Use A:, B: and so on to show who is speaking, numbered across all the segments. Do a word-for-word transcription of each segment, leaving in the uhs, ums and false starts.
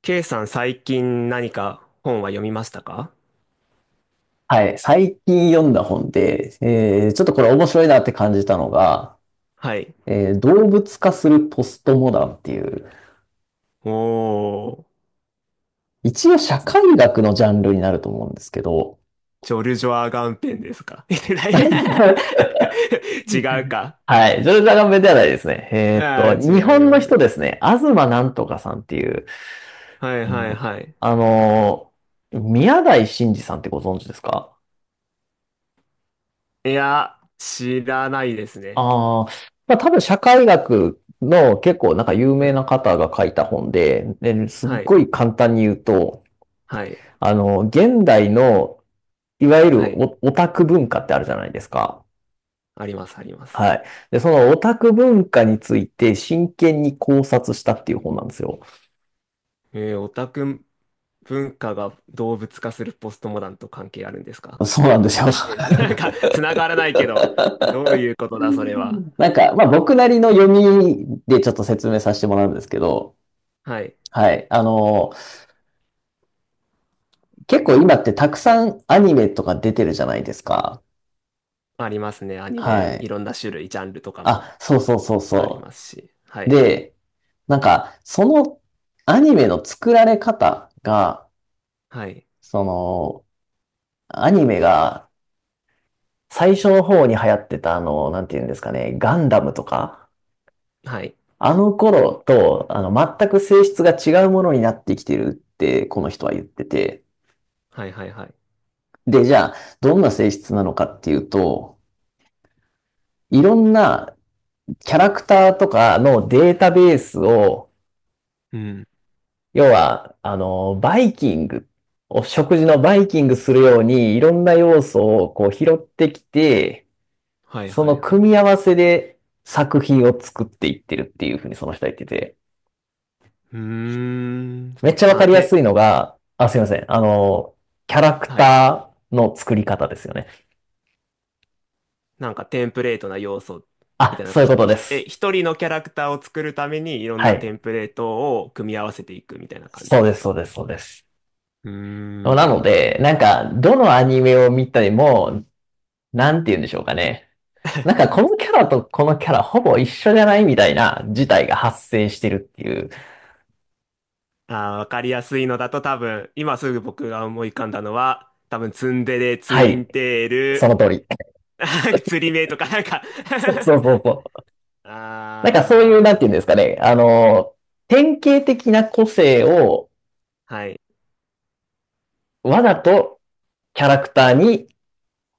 A: ケー さん、最近何か本は読みましたか？
B: はい、最近読んだ本で、えーちょっとこれ面白いなって感じたのが、
A: はい。
B: えー動物化するポストモダンっていう、
A: おー、
B: 一応社会学のジャンルになると思うんですけど、
A: ジョルジョア・ガンペンですか？ 違 うか。
B: はい、ジョルジャガンベではないですね。えーっ
A: ああ、
B: と、
A: 違
B: 日
A: い
B: 本
A: ま
B: の人
A: す。
B: ですね、東なんとかさんっていう、
A: はいは
B: う
A: い
B: ん、
A: はい。
B: あのー、宮台真司さんってご存知ですか？
A: いや、知らないですね。
B: ああ、まあ多分社会学の結構なんか有
A: う
B: 名
A: ん。
B: な方が書いた本で、で、すっ
A: はい、
B: ごい簡単に言うと、
A: はい、
B: あの、現代の、いわゆ
A: はい。
B: るオタク文化ってあるじゃないですか。
A: あります、あります。
B: はい。で、そのオタク文化について真剣に考察したっていう本なんですよ。
A: えー、オタク文化が動物化するポストモダンと関係あるんですか？
B: そうなんですよ。
A: え、なんか、つながらないけど、どういうことだ、それは。
B: なんか、まあ
A: う
B: 僕
A: ん。
B: なりの読みでちょっと説明させてもらうんですけど、
A: はい。
B: はい。あの、結構今ってたくさんアニメとか出てるじゃないですか。
A: ありますね。アニ
B: は
A: メ、
B: い。
A: いろんな種類、ジャンルとかも
B: あ、そうそうそう
A: あり
B: そ
A: ますし。は
B: う。
A: い。
B: で、なんか、そのアニメの作られ方が、
A: はい。
B: その、アニメが最初の方に流行ってたあの、なんて言うんですかね、ガンダムとか、
A: はい。
B: あの頃と、あの、全く性質が違うものになってきてるって、この人は言ってて。
A: はい、はい、はい。
B: で、じゃあ、どんな性質なのかっていうと、いろんなキャラクターとかのデータベースを、
A: うん。
B: 要は、あの、バイキング、お食事のバイキングするように、いろんな要素をこう拾ってきて、
A: はい、
B: そ
A: はい、
B: の
A: はい。
B: 組み合わせで作品を作っていってるっていうふうにその人は言ってて、
A: うーん。そ
B: めっ
A: の、
B: ちゃわか
A: な、
B: りやすい
A: て、
B: のが、あ、すいません。あの、キャラク
A: はい。
B: ターの作り方ですよね。
A: なんかテンプレートな要素み
B: あ、
A: たいな、なん
B: そう
A: か
B: いう
A: ひ、
B: ことで
A: ひえ、
B: す。
A: 一人のキャラクターを作るためにいろん
B: は
A: なテ
B: い。
A: ンプレートを組み合わせていくみたいな感じ
B: そう
A: で
B: で
A: す
B: す、そう
A: か？
B: です、そうです。
A: うー
B: な
A: ん。
B: ので、なんか、どのアニメを見たても、なんて言うんでしょうかね。なんか、このキャラとこのキャラほぼ一緒じゃないみたいな事態が発生してるっていう。
A: あー、わかりやすいのだと多分、今すぐ僕が思い浮かんだのは、多分ツンデレ、ツ
B: は
A: イ
B: い。
A: ンテー
B: その
A: ル、
B: 通り。
A: 釣り 目とかなんか。
B: そうそうそう。なんかそういう、なんていうんで
A: あ
B: すかね、あの、典型的な個性を
A: あ、はい。
B: わざとキャラクターに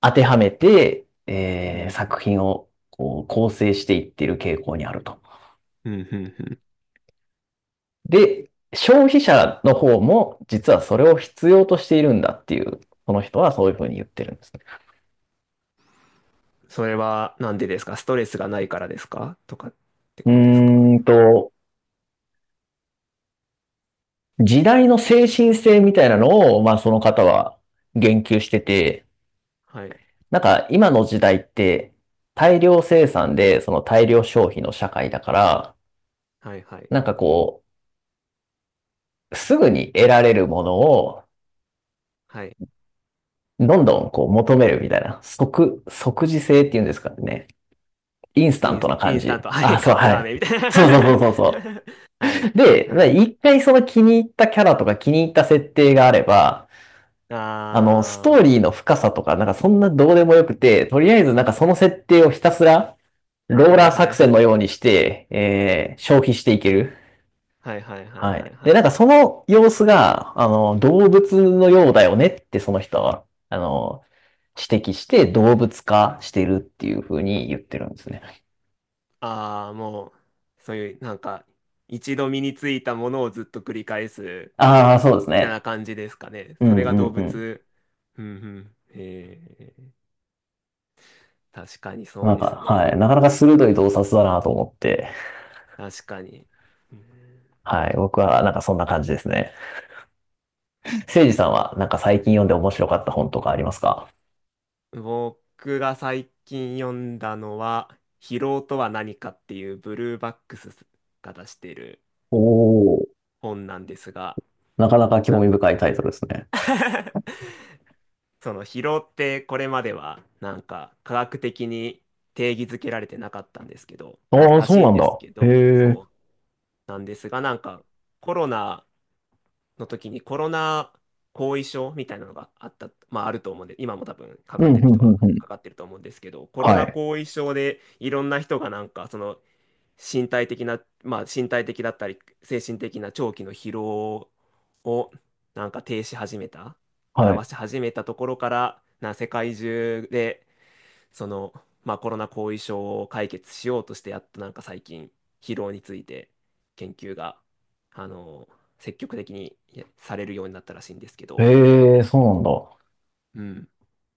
B: 当てはめて、
A: う
B: えー
A: ん、
B: 作品をこう構成していっている傾向にあると。
A: うん、うん、うん。
B: で、消費者の方も実はそれを必要としているんだっていう、その人はそういうふうに言ってるんですね。
A: それはなんでですか？ストレスがないからですかとかって
B: う
A: ことですか？
B: ーんと、時代の精神性みたいなのを、まあその方は言及してて、
A: はい、
B: なんか今の時代って大量生産でその大量消費の社会だから、
A: はい、はい、
B: なんかこう、すぐに得られるものを
A: はい。
B: どんどんこう求めるみたいな、即、即時性っていうんですかね。インスタ
A: イ
B: ン
A: ン
B: ト
A: ス、
B: な
A: イ
B: 感
A: ンスタン
B: じ。
A: ト、は
B: あ、
A: い、
B: そ
A: カ
B: う、
A: ップ
B: は
A: ラー
B: い。
A: メンみたい
B: そうそうそ
A: な。
B: うそうそ
A: はい、
B: う。で、
A: は
B: まあ
A: い。
B: 一回その気に入ったキャラとか気に入った設定があれば、あの、スト
A: あ
B: ーリーの深さとか、なんかそんなどうでもよくて、とりあえずなんかその設定をひたすらロ
A: あ、
B: ー
A: はい、
B: ラー
A: はい、
B: 作
A: は
B: 戦の
A: い。
B: ようにして、えー消費していける。
A: はい、はい、はい、
B: は
A: はい、
B: い。
A: は
B: で、なんか
A: い。
B: その様子が、あの、動物のようだよねってその人は、あの、指摘して動物化してるっていう風に言ってるんですね。
A: ああ、もう、そういう、なんか、一度身についたものをずっと繰り返す
B: ああ、そうです
A: みたいな
B: ね。
A: 感じですかね。
B: う
A: それ
B: んう
A: が動
B: んうん。
A: 物。うん、うん。へえ。確かにそう
B: なん
A: です
B: か、は
A: ね。
B: い。なかなか鋭い洞察だなと思って、
A: 確かに。うん。
B: はい。僕はなんかそんな感じですね。せいじさんはなんか最近読んで面白かった本とかありますか？
A: 僕が最近読んだのは「疲労とは何か」っていうブルーバックスが出してる
B: おおー。
A: 本なんですが、
B: なかなか興
A: なん
B: 味
A: か、
B: 深いタイトルですね。
A: その疲労ってこれまではなんか科学的に定義づけられてなかったんですけどら、
B: ああ、
A: ら
B: そう
A: しい
B: な
A: ん
B: ん
A: で
B: だ。
A: すけ
B: へ
A: ど、
B: え。
A: そうなんですが、なんかコロナの時にコロナ後遺症みたいなのがあった、まああると思うんで、今も多分か
B: う
A: かっ
B: ん、う
A: て
B: ん、
A: る
B: う
A: 人は
B: ん、うん。
A: かかってると思うんですけど、コロ
B: は
A: ナ
B: い。
A: 後遺症でいろんな人がなんかその身体的な、まあ身体的だったり精神的な長期の疲労を、なんか停止始めた、
B: はい。
A: 表し始めたところから、な世界中でその、まあ、コロナ後遺症を解決しようとして、やっとなんか最近、疲労について研究があの積極的にやされるようになったらしいんですけど、
B: へえ、そうなんだ。
A: うん、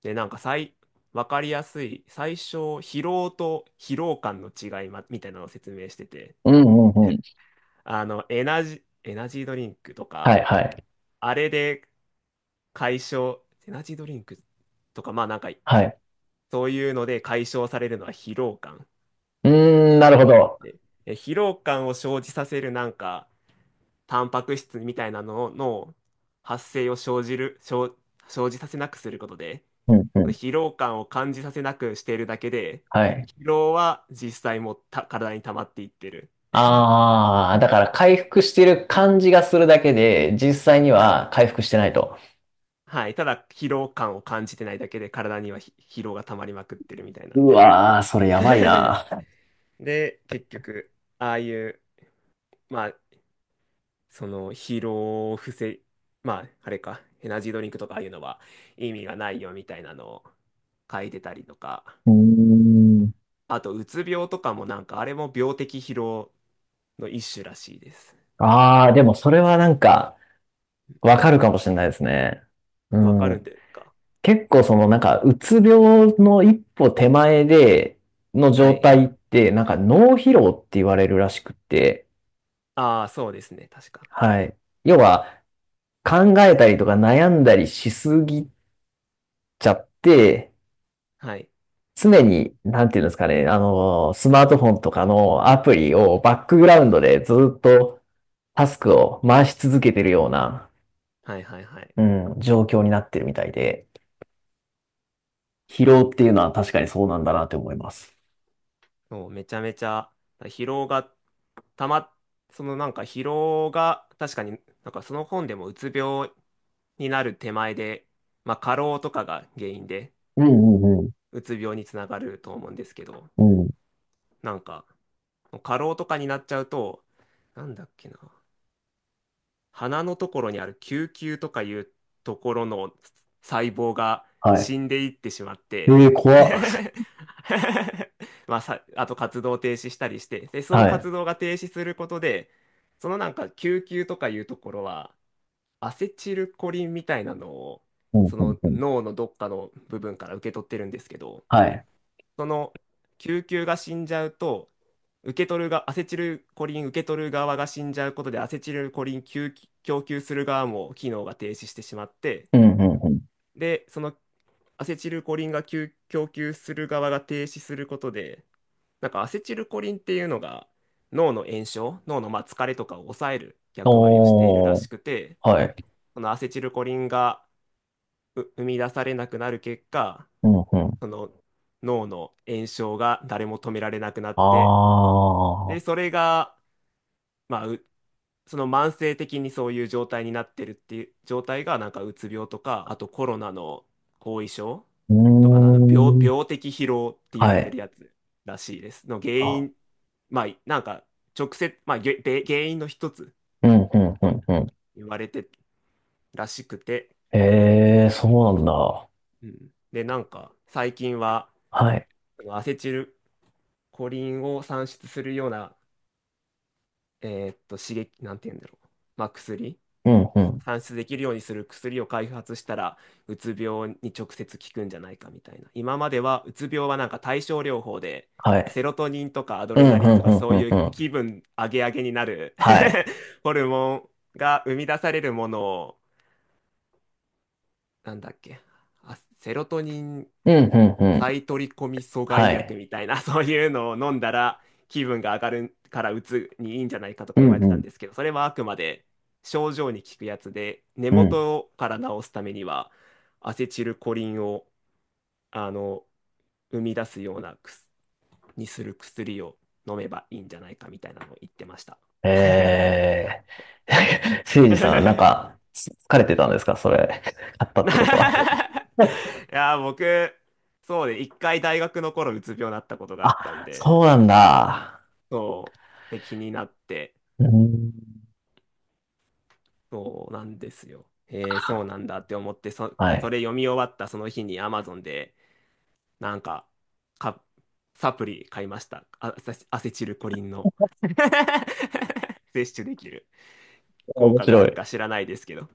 A: で、なんか最分かりやすい最初、疲労と疲労感の違い、ま、みたいなのを説明してて、
B: うん、うん、うん。
A: あのエナジ、エナジードリンクと
B: は
A: か、
B: い、はい。
A: あれで解消、エナジードリンクとか、まあなんか
B: はい。
A: そういうので解消されるのは疲労感
B: うーん、なるほど。
A: で、え疲労感を生じさせるなんか、タンパク質みたいなのの発生を生じる、生、生じさせなくすることで、
B: うん、うん。
A: 疲労感を感じさせなくしているだけで、
B: はい。
A: 疲労は実際もた体に溜まっていってる。
B: ああ、だか ら回復してる感じがするだけで、実際に
A: はい。
B: は回復してないと。
A: はい。ただ、疲労感を感じてないだけで、体にはひ疲労が溜まりまくってるみたいなん
B: う
A: で。
B: わー、それやばい な。
A: で、結局、ああいう、まあ、その疲労を防い、まあ、あれか、エナジードリンクとかああいうのは意味がないよみたいなのを書いてたりとか、
B: うーん。
A: あと、うつ病とかもなんか、あれも病的疲労の一種らしいですっ
B: ああ、
A: てい
B: でもそれはなんか、わかるかもしれないですね。
A: う。わか
B: う
A: るん
B: ん。
A: ですか？
B: 結構そのなんか、うつ病の一歩手前での
A: は
B: 状
A: い。
B: 態って、なんか脳疲労って言われるらしくって、
A: ああ、そうですね、確か。
B: はい。要は考えたりとか悩んだりしすぎちゃって、
A: はい。
B: 常に、なんていうんですかね、あの、スマートフォンとかのアプリをバックグラウンドでずっとタスクを回し続けてるような、
A: はいはいはい。
B: うん、状況になってるみたいで、疲労っていうのは確かにそうなんだなって思います。
A: もうめちゃめちゃ疲労がたま、そのなんか疲労が、確かになんかその本でも、うつ病になる手前で、まあ過労とかが原因で、
B: うんうん
A: うつ病につながると思うんですけど、
B: うん。うん。
A: なんか、過労とかになっちゃうと、なんだっけな、鼻のところにある球球とかいうところの細胞が
B: はい。
A: 死んでいってしまって、
B: ええ、怖っ。
A: まあ、さ、あと活動を停止したりして、で、その
B: はい。
A: 活動が停止することで、そのなんか救急とかいうところは、アセチルコリンみたいなのを、
B: うんう
A: そ
B: ん
A: の
B: うん。
A: 脳のどっかの部分から受け取ってるんですけど、
B: はい。
A: その救急が死んじゃうと、受け取るがアセチルコリン受け取る側が死んじゃうことで、アセチルコリン供供給する側も機能が停止してしまって、
B: うんうんうん。
A: で、そのアセチルコリンが供供給する側が停止することで、なんかアセチルコリンっていうのが、脳の炎症、脳の、まあ疲れとかを抑える役割をしているら
B: お
A: し
B: ー、
A: くて、
B: はい。
A: そのアセチルコリンがう生み出されなくなる結果、
B: うんうん。
A: その脳の炎症が誰も止められなくなっ
B: あ
A: て、で、そ
B: ー、
A: れが、まあ、うその慢性的にそういう状態になってるっていう状態が、なんかうつ病とか、あとコロナの後遺症
B: うー
A: とかの、あの病、
B: ん。
A: 病的疲労って言わ
B: は
A: れて
B: い。
A: るやつらしいです。の原
B: あ、
A: 因、まあ、なんか直接、まあ、げべ原因の一つ
B: うんうんう
A: と
B: んうん。
A: 言われてらしくて、
B: ええ、そうなんだ。
A: うん、で、なんか最近は、
B: はい。
A: そのアセチルコリンを産出するような、えーっと、刺激、なんて言うんだろう、まあ、薬、
B: うんうん。
A: 算出できるようにする薬を開発したら、うつ病に直接効くんじゃないかみたいな。今までは、うつ病はなんか対症療法で、
B: は
A: セ
B: い。
A: ロトニンとかアド
B: う
A: レ
B: ん
A: ナ
B: う
A: リンと
B: んう
A: か
B: ん
A: そ
B: う
A: う
B: ん
A: い
B: う
A: う
B: ん。
A: 気分上げ上げになる
B: はい。
A: ホルモンが生み出されるものを、なんだっけ、あ、セロトニン
B: うんうんうん。
A: 再取り込み阻
B: は
A: 害薬
B: い。
A: みたいな、そういうのを飲んだら気分が上がるからうつにいいんじゃないかと
B: う
A: か言われ
B: ん
A: てた
B: う
A: ん
B: ん
A: ですけど、それはあくまで症状に効くやつで、根
B: うん。
A: 元から治すためにはアセチルコリンをあの生み出すような薬にする薬を飲めばいいんじゃないかみたいなのを言ってました。
B: ええ、 せいじ さん、なん
A: い
B: か、疲れてたんですかそれ、買ったってことは。
A: やー、僕、そうで、一回大学の頃、うつ病になったことがあったん
B: あ、そ
A: で、
B: うなんだ。
A: そう。で、気になって、
B: うん、
A: そうなんですよ。えー、そうなんだって思って、そ、
B: は
A: そ
B: い。
A: れ読み終わったその日に アマゾン で、なんか、か、サプリ買いました。あ、アセアセチルコリンの 摂取できる効
B: 面
A: 果があ
B: 白
A: る
B: い。
A: か知らないですけど。